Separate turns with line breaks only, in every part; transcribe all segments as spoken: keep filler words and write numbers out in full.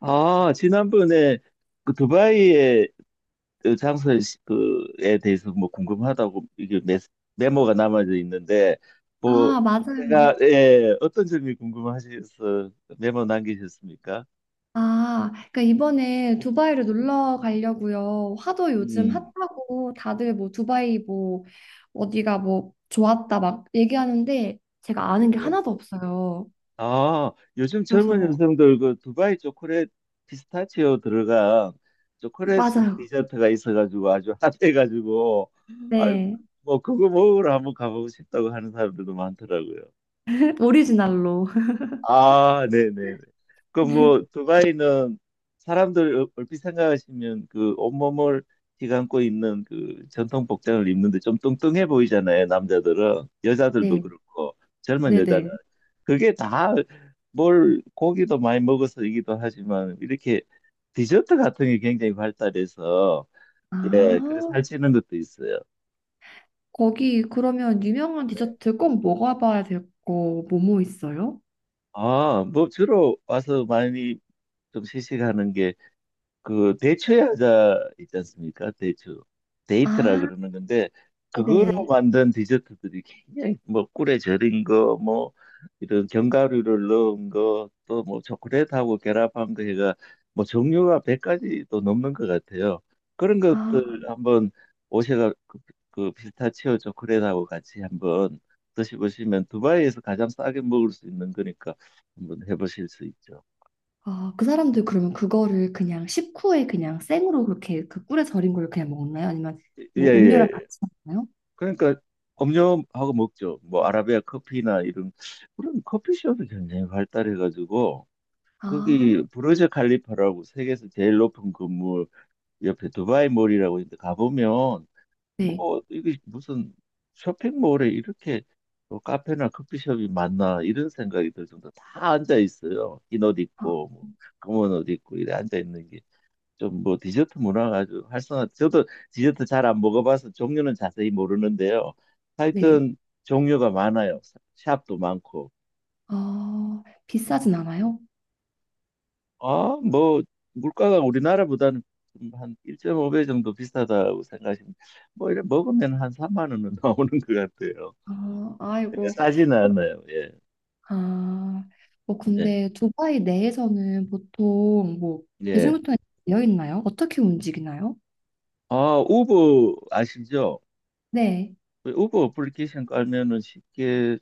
아, 지난번에 그 두바이의 그 장소 시- 그에 대해서 뭐 궁금하다고 이게 메, 메모가 남아져 있는데 뭐
아, 맞아요.
제가 예, 어떤 점이 궁금하셔서 메모 남기셨습니까?
아, 그러니까 이번에 두바이를
예.
놀러 가려고요. 화도 요즘
음.
핫하고 다들 뭐 두바이 뭐 어디가 뭐 좋았다 막 얘기하는데 제가
예.
아는 게
예.
하나도 없어요.
아, 요즘 젊은
그래서
여성들 그 두바이 초콜릿 피스타치오 들어간 초콜릿
맞아요.
디저트가 있어가지고 아주 핫해가지고 아유
네.
뭐 그거 먹으러 한번 가보고 싶다고 하는 사람들도 많더라고요.
오리지널로.
아, 네네네. 그럼 뭐, 두바이는 사람들 얼- 얼핏 생각하시면 그 온몸을 휘감고 있는 그 전통 복장을 입는데 좀 뚱뚱해 보이잖아요, 남자들은. 여자들도
네.
그렇고, 젊은 여자는.
네네.
그게 다 뭘 고기도 많이 먹어서이기도 하지만 이렇게 디저트 같은 게 굉장히 발달해서 예, 그래서
아,
살찌는 것도 있어요.
거기 그러면 유명한
네.
디저트 꼭 먹어봐야 될 거 뭐뭐 있어요?
아, 뭐 주로 와서 많이 좀 시식하는 그 대추야자 있지 않습니까? 대추 데이트라
아,
그러는 건데 그걸로
네네.
만든 디저트들이 굉장히 뭐 꿀에 절인 거 뭐 이런 견과류를 넣은 거 또 뭐 초콜릿하고 결합한 거 해가 뭐 종류가 백 가지도 넘는 것 같아요. 그런 것들 한번 오셔가 그, 그 피스타치오 초콜릿하고 같이 한번 드셔보시면 두바이에서 가장 싸게 먹을 수 있는 거니까 한번 해보실 수 있죠.
아, 그 사람들 그러면 그거를 그냥 식후에 그냥 생으로 그렇게 그 꿀에 절인 걸 그냥 먹나요? 아니면 뭐 음료랑
예예
같이 먹나요?
그러니까 음료하고 먹죠. 뭐 아라비아 커피나 이런 그런 커피숍이 굉장히 발달해가지고 거기
아,
부르즈 칼리파라고 세계에서 제일 높은 건물 옆에 두바이 몰이라고 있는데 가보면
네.
뭐 이게 무슨 쇼핑몰에 이렇게 뭐 카페나 커피숍이 많나 이런 생각이 들 정도 다 앉아 있어요. 흰옷
아,
입고 뭐 검은 옷 입고 이래 앉아 있는 좀 뭐 디저트 문화가 아주 활성화. 저도 디저트 잘 안 먹어봐서 종류는 자세히 모르는데요.
네.
하여튼 종류가 많아요. 샵도 많고.
아, 비싸진 않아요?
아, 뭐 물가가 우리나라보다는 좀한 일 점 오 배 정도 비싸다고 생각하시면 뭐 이래 먹으면 한삼만 원은 나오는 것 같아요.
아,
네,
아이고.
싸지는 않아요. 예.
아, 뭐
네.
근데 두바이 내에서는 보통 뭐
예.
대중교통이 되어 있나요? 어떻게 움직이나요?
아, 우버 아시죠?
네.
그 우버 어플리케이션 깔면은 쉽게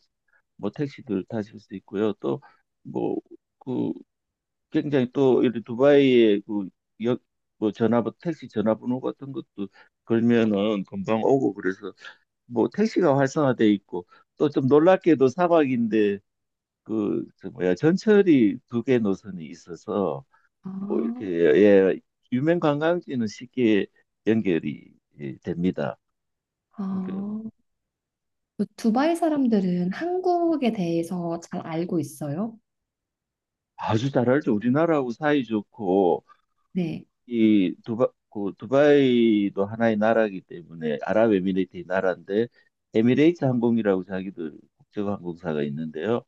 뭐 택시들 타실 수 있고요. 또뭐그 굉장히 또 이런 두바이의 그 역, 뭐 전화번 택시 전화번호 같은 것도 걸면은 금방 오고 그래서 뭐 택시가 활성화돼 있고 또 좀 놀랍게도 사막인데 그 저 뭐야 전철이 두 개 노선이 있어서
아,
뭐 이렇게 예 유명 관광지는 쉽게 연결이 예, 됩니다. 그러니까
아. 그 두바이 사람들은 한국에 대해서 잘 알고 있어요?
아주 잘알죠. 우리나라하고 사이 좋고
네.
이 두바 그 두바이도 하나의 나라이기 때문에 아랍에미레이트의 나라인데 에미레이트 항공이라고 자기들 국적 항공사가 있는데요.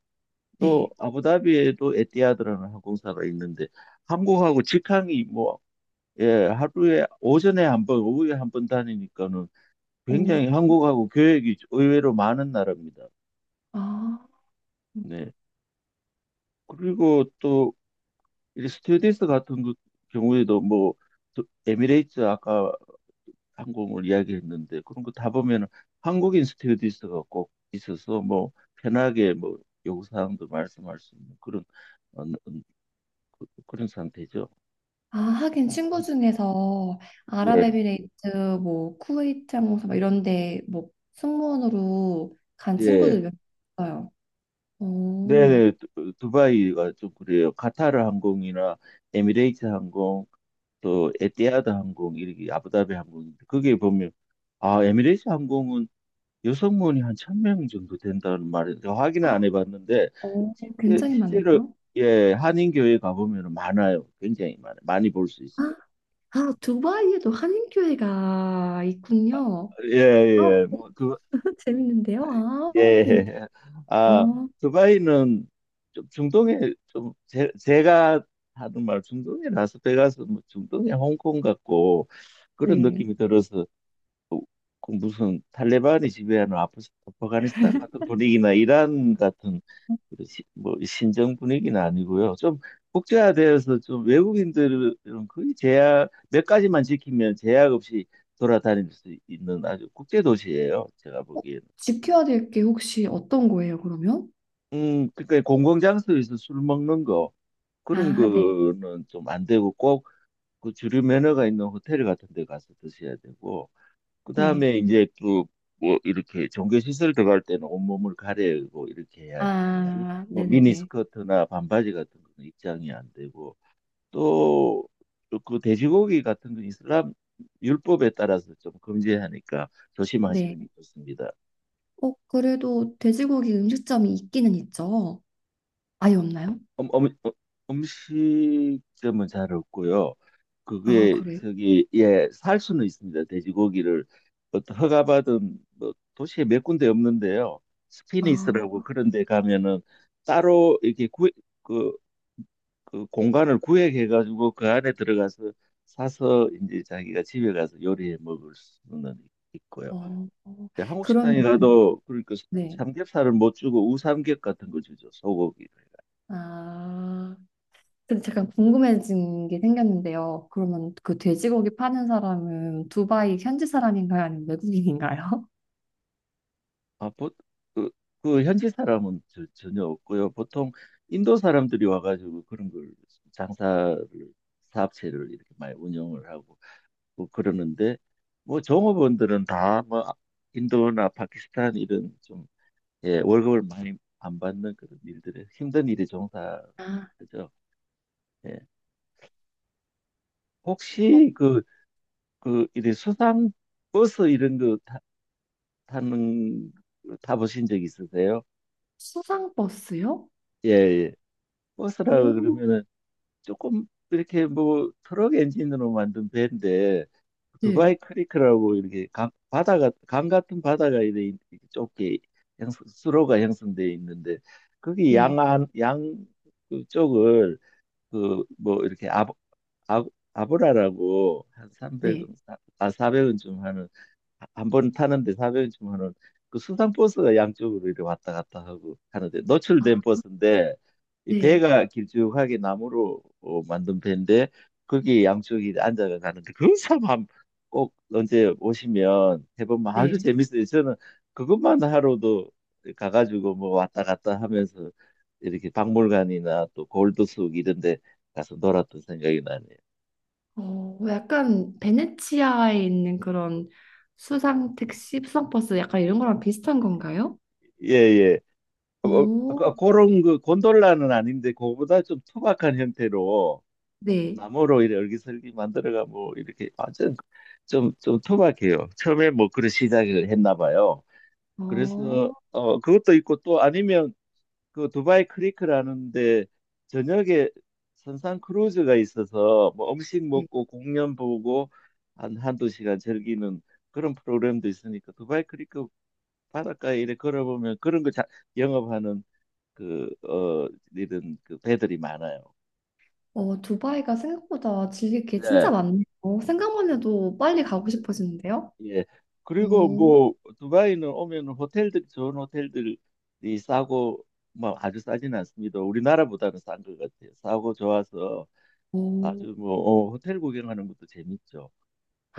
또
네.
아부다비에도 에티하드라는 항공사가 있는데 한국하고 직항이 뭐 예, 하루에 오전에 한 번, 오후에 한 번 다니니까는
오,
굉장히 한국하고 교역이 의외로 많은 나라입니다.
아.
네. 그리고 또 이 스튜어디스 같은 그 경우에도 뭐 저- 에미레이트 아까 항공을 이야기했는데 그런 거 다 보면은 한국인 스튜어디스가 꼭 있어서 뭐 편하게 뭐 요구사항도 말씀할 수 있는 그런 어, 어, 그- 그런 상태죠.
아, 하긴 친구 중에서
예,
아랍에미레이트, 뭐 쿠웨이트 항공사 막 이런 데뭐 승무원으로 간
예.
친구들 몇 있어요. 오,
네네, 두- 두바이가 좀 그래요. 카타르 항공이나 에미레이트 항공, 또 에티하드 항공, 이렇게 아부다비 항공인데, 그게 보면, 아, 에미레이트 항공은 여성원이 한 천명 정도 된다는 말인데 확인은 안 해봤는데
오,
실제,
굉장히
실제로
많네요.
예 한인교회 가보면 많아요. 굉장히 많아요. 많이 볼 수
아,
있어요.
아, 두바이에도 한인교회가 있군요. 어,
예예
재밌는데요. 아, 하긴.
뭐두예아
어,
두바이는 좀 중동에 좀 제, 제가 하는 말 중동에 라스베가스 뭐 중동에 홍콩 같고 그런
네.
느낌이 들어서 그 무슨 탈레반이 지배하는 아프- 아프가니스탄 같은 분위기나 이란 같은 그리고 시- 뭐 신정 분위기는 아니고요. 좀 국제화되어서 좀 외국인들은 거의 제약 몇 가지만 지키면 제약 없이 돌아다닐 수 있는 아주 국제 도시예요. 제가
어,
보기에는.
지켜야 될 게 혹시 어떤 거예요, 그러면?
음, 그러니까 공공장소에서 술 먹는 거 그런
아, 네.
거는 좀 안 되고 꼭 그 주류 매너가 있는 호텔 같은 데 가서 드셔야 되고
네.
그다음에 이제 또 뭐 이렇게 종교 시설 들어갈 때는 온몸을 가리고 이렇게 해야지
아,
뭐
네네네.
미니스커트나 반바지 같은 거는 입장이 안 되고 또 그 돼지고기 같은 건 이슬람 율법에 따라서 좀 금지하니까
네.
조심하시는 게 좋습니다.
어, 그래도 돼지고기 음식점이 있기는 있죠. 아예 없나요?
음, 음, 음, 음식점은 잘 없고요.
아,
그게
그래요?
저기 예, 살 수는 있습니다. 돼지고기를 어떤 허가받은 뭐 도시에 몇 군데 없는데요.
아,
스피니스라고 그런 데 가면은 따로 이렇게 구, 그, 그 공간을 구획해 가지고 그 안에 들어가서 사서 이제 자기가 집에 가서 요리해 먹을 수는 있고요.
어, 어.
근데 한국
그러면,
식당에 가도 그러니까
네.
삼겹살을 못 주고 우삼겹 같은 거 주죠. 소고기를.
아, 근데 잠깐 궁금해진 게 생겼는데요. 그러면 그 돼지고기 파는 사람은 두바이 현지 사람인가요? 아니면 외국인인가요?
아, 보, 그, 그 현지 사람은 저- 전혀 없고요. 보통 인도 사람들이 와가지고 그런 걸 장사를 사업체를 이렇게 많이 운영을 하고 뭐 그러는데 뭐 종업원들은 다 뭐 인도나 파키스탄 이런 좀 예, 월급을 많이 안 받는 그런 일들에 힘든 일에
아,
종사하죠. 예.
어,
혹시 그, 그 이제 수상 버스 이런 거 타, 타는 거 타보신 적 있으세요?
수상 버스요?
예, 예. 버스라
오,
그러면은 조금 이렇게 뭐 트럭 엔진으로 만든 배인데
네,
두바이 크리크라고 이렇게 강, 바다가 강 같은 바다가 이렇게 좁게 형성, 수로가 형성되어 있는데 거기
네,
양안 양 쪽을 그 뭐 이렇게 아, 아, 아브라라고 한
네.
삼백 원 아 사백 원쯤 하는 한 번 타는데 사 공 0주하 은그 수상버스가 양쪽으로 이렇게 왔다 갔다 하고 하는데 노출된
아,
버스인데 이
네,
배가 길쭉하게 나무로 어, 만든 배인데 거기 양쪽이 앉아가 가는데 그런 사람 한- 꼭 언제 오시면 해보면 아주
네.
재밌어요. 저는 그것만 하러도 가가지고 뭐 왔다 갔다 하면서 이렇게 박물관이나 또 골드숙 이런 데 가서 놀았던 생각이 나네요.
어, 약간 베네치아에 있는 그런 수상 택시, 수상 버스 약간 이런 거랑 비슷한 건가요?
예예.
오,
그- 그런 그 곤돌라는 아닌데 그거보다 좀 투박한 형태로
네.
나무로 이렇게 얼기설기 만들어가 뭐 이렇게 완전 좀좀 투박해요. 처음에 뭐 그런 시작을 했나 봐요.
어,
그래서 어 그것도 있고 또 아니면 그 두바이 크리크라는데 저녁에 선상 크루즈가 있어서 뭐 음식
네.
먹고 공연 보고 한 한두 시간 즐기는 그런 프로그램도 있으니까 두바이 크리크 바닷가에 이렇게 걸어보면 그런 거 자, 영업하는 그, 어, 이런 그 배들이 많아요.
어, 두바이가 생각보다 즐길 게
네.
진짜 많네요. 어, 생각만 해도 빨리 가고 싶어지는데요?
예. 그리고
오,
뭐 두바이는 오면 호텔들이 좋은 호텔들이 싸고 뭐 아주 싸진 않습니다. 우리나라보다는 싼 것 같아요. 싸고 좋아서
오.
아주 뭐 어, 호텔 구경하는 것도 재밌죠.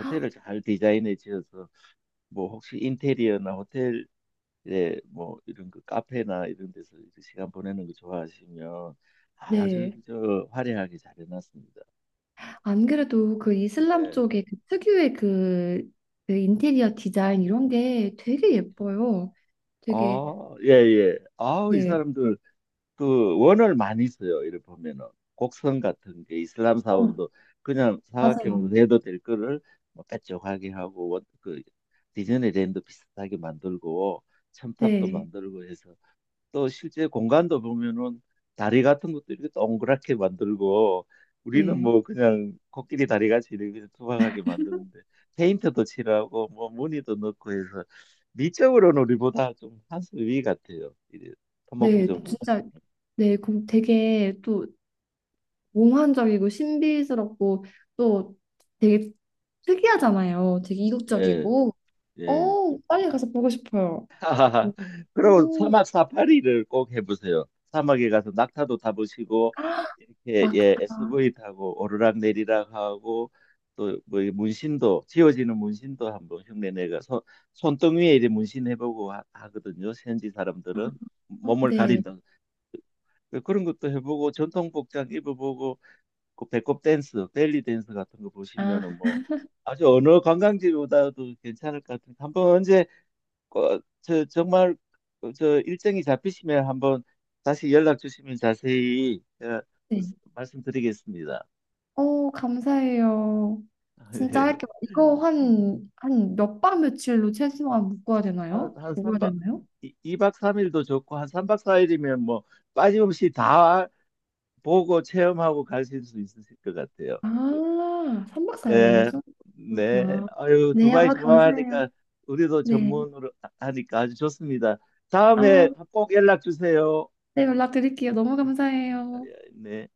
헉,
잘 디자인해 지어서 뭐 혹시 인테리어나 호텔에 뭐 이런 그 카페나 이런 데서 이제 시간 보내는 거 좋아하시면 아주
네.
저 화려하게 잘 해놨습니다.
안 그래도 그 이슬람
네.
쪽에 그 특유의 그, 그 인테리어 디자인 이런 게 되게 예뻐요. 되게,
아, 예, 예. 아우, 이
네.
사람들 그 원을 많이 써요. 이를 보면은 곡선 같은 게 이슬람
어,
사원도 그냥
맞아요.
사각형으로 내도 될 거를 뭐 빼쪽하게 하고 원- 그 디즈니랜드 비슷하게 만들고 첨탑도
네.
만들고 해서 또 실제 공간도 보면은 다리 같은 것도 이렇게 동그랗게 만들고 우리는
네.
뭐 그냥 코끼리 다리 같이 이렇게 투박하게 만드는데 페인트도 칠하고 뭐 무늬도 넣고 해서 미적으로는 우리보다 좀 한 수 위 같아요. 이 토목
네,
구조물들.
진짜. 네, 그 되게 또 몽환적이고 신비스럽고 또 되게 특이하잖아요. 되게
예,
이국적이고.
예.
어, 빨리 가서 보고 싶어요.
하하하. 그리고
오,
사막 사파리를 꼭 해보세요. 사막에 가서 낙타도 타보시고
아,
이렇게
막타.
예 에스유브이 타고 오르락 내리락 하고 또 뭐 문신도 지워지는 문신도 한번 흉내 내가 손 손등 위에 이렇게 문신 해보고 하, 하거든요. 현지 사람들은
아,
몸을
네.
가린다. 그런 것도 해보고 전통 복장 입어보고 그 배꼽 댄스, 벨리 댄스 같은 거
아,
보시면은 뭐 아주 어느 관광지보다도 괜찮을 것 같은데 한번 언제 어, 저 정말 어, 저 일정이 잡히시면 한번 다시 연락 주시면 자세히 어,
네.
말씀드리겠습니다.
어, 감사해요. 진짜
예.
할게요. 이거 한, 한 몇 밤 며칠로 최소한 묶어야
한,
되나요? 묶어야 되나요?
한삼박이박삼일도 좋고 한삼박사일이면뭐 빠짐없이 다 보고 체험하고 가실 수 있으실 것 같아요.
아, 삼 박
예.
사 일이면서?
네.
그렇구나.
아유,
네,
두바이
아, 감사해요.
좋아하니까 우리도
네.
전문으로 하니까 아주 좋습니다.
아.
다음에 꼭 연락 주세요.
네, 연락드릴게요. 너무 감사해요.
예, 네.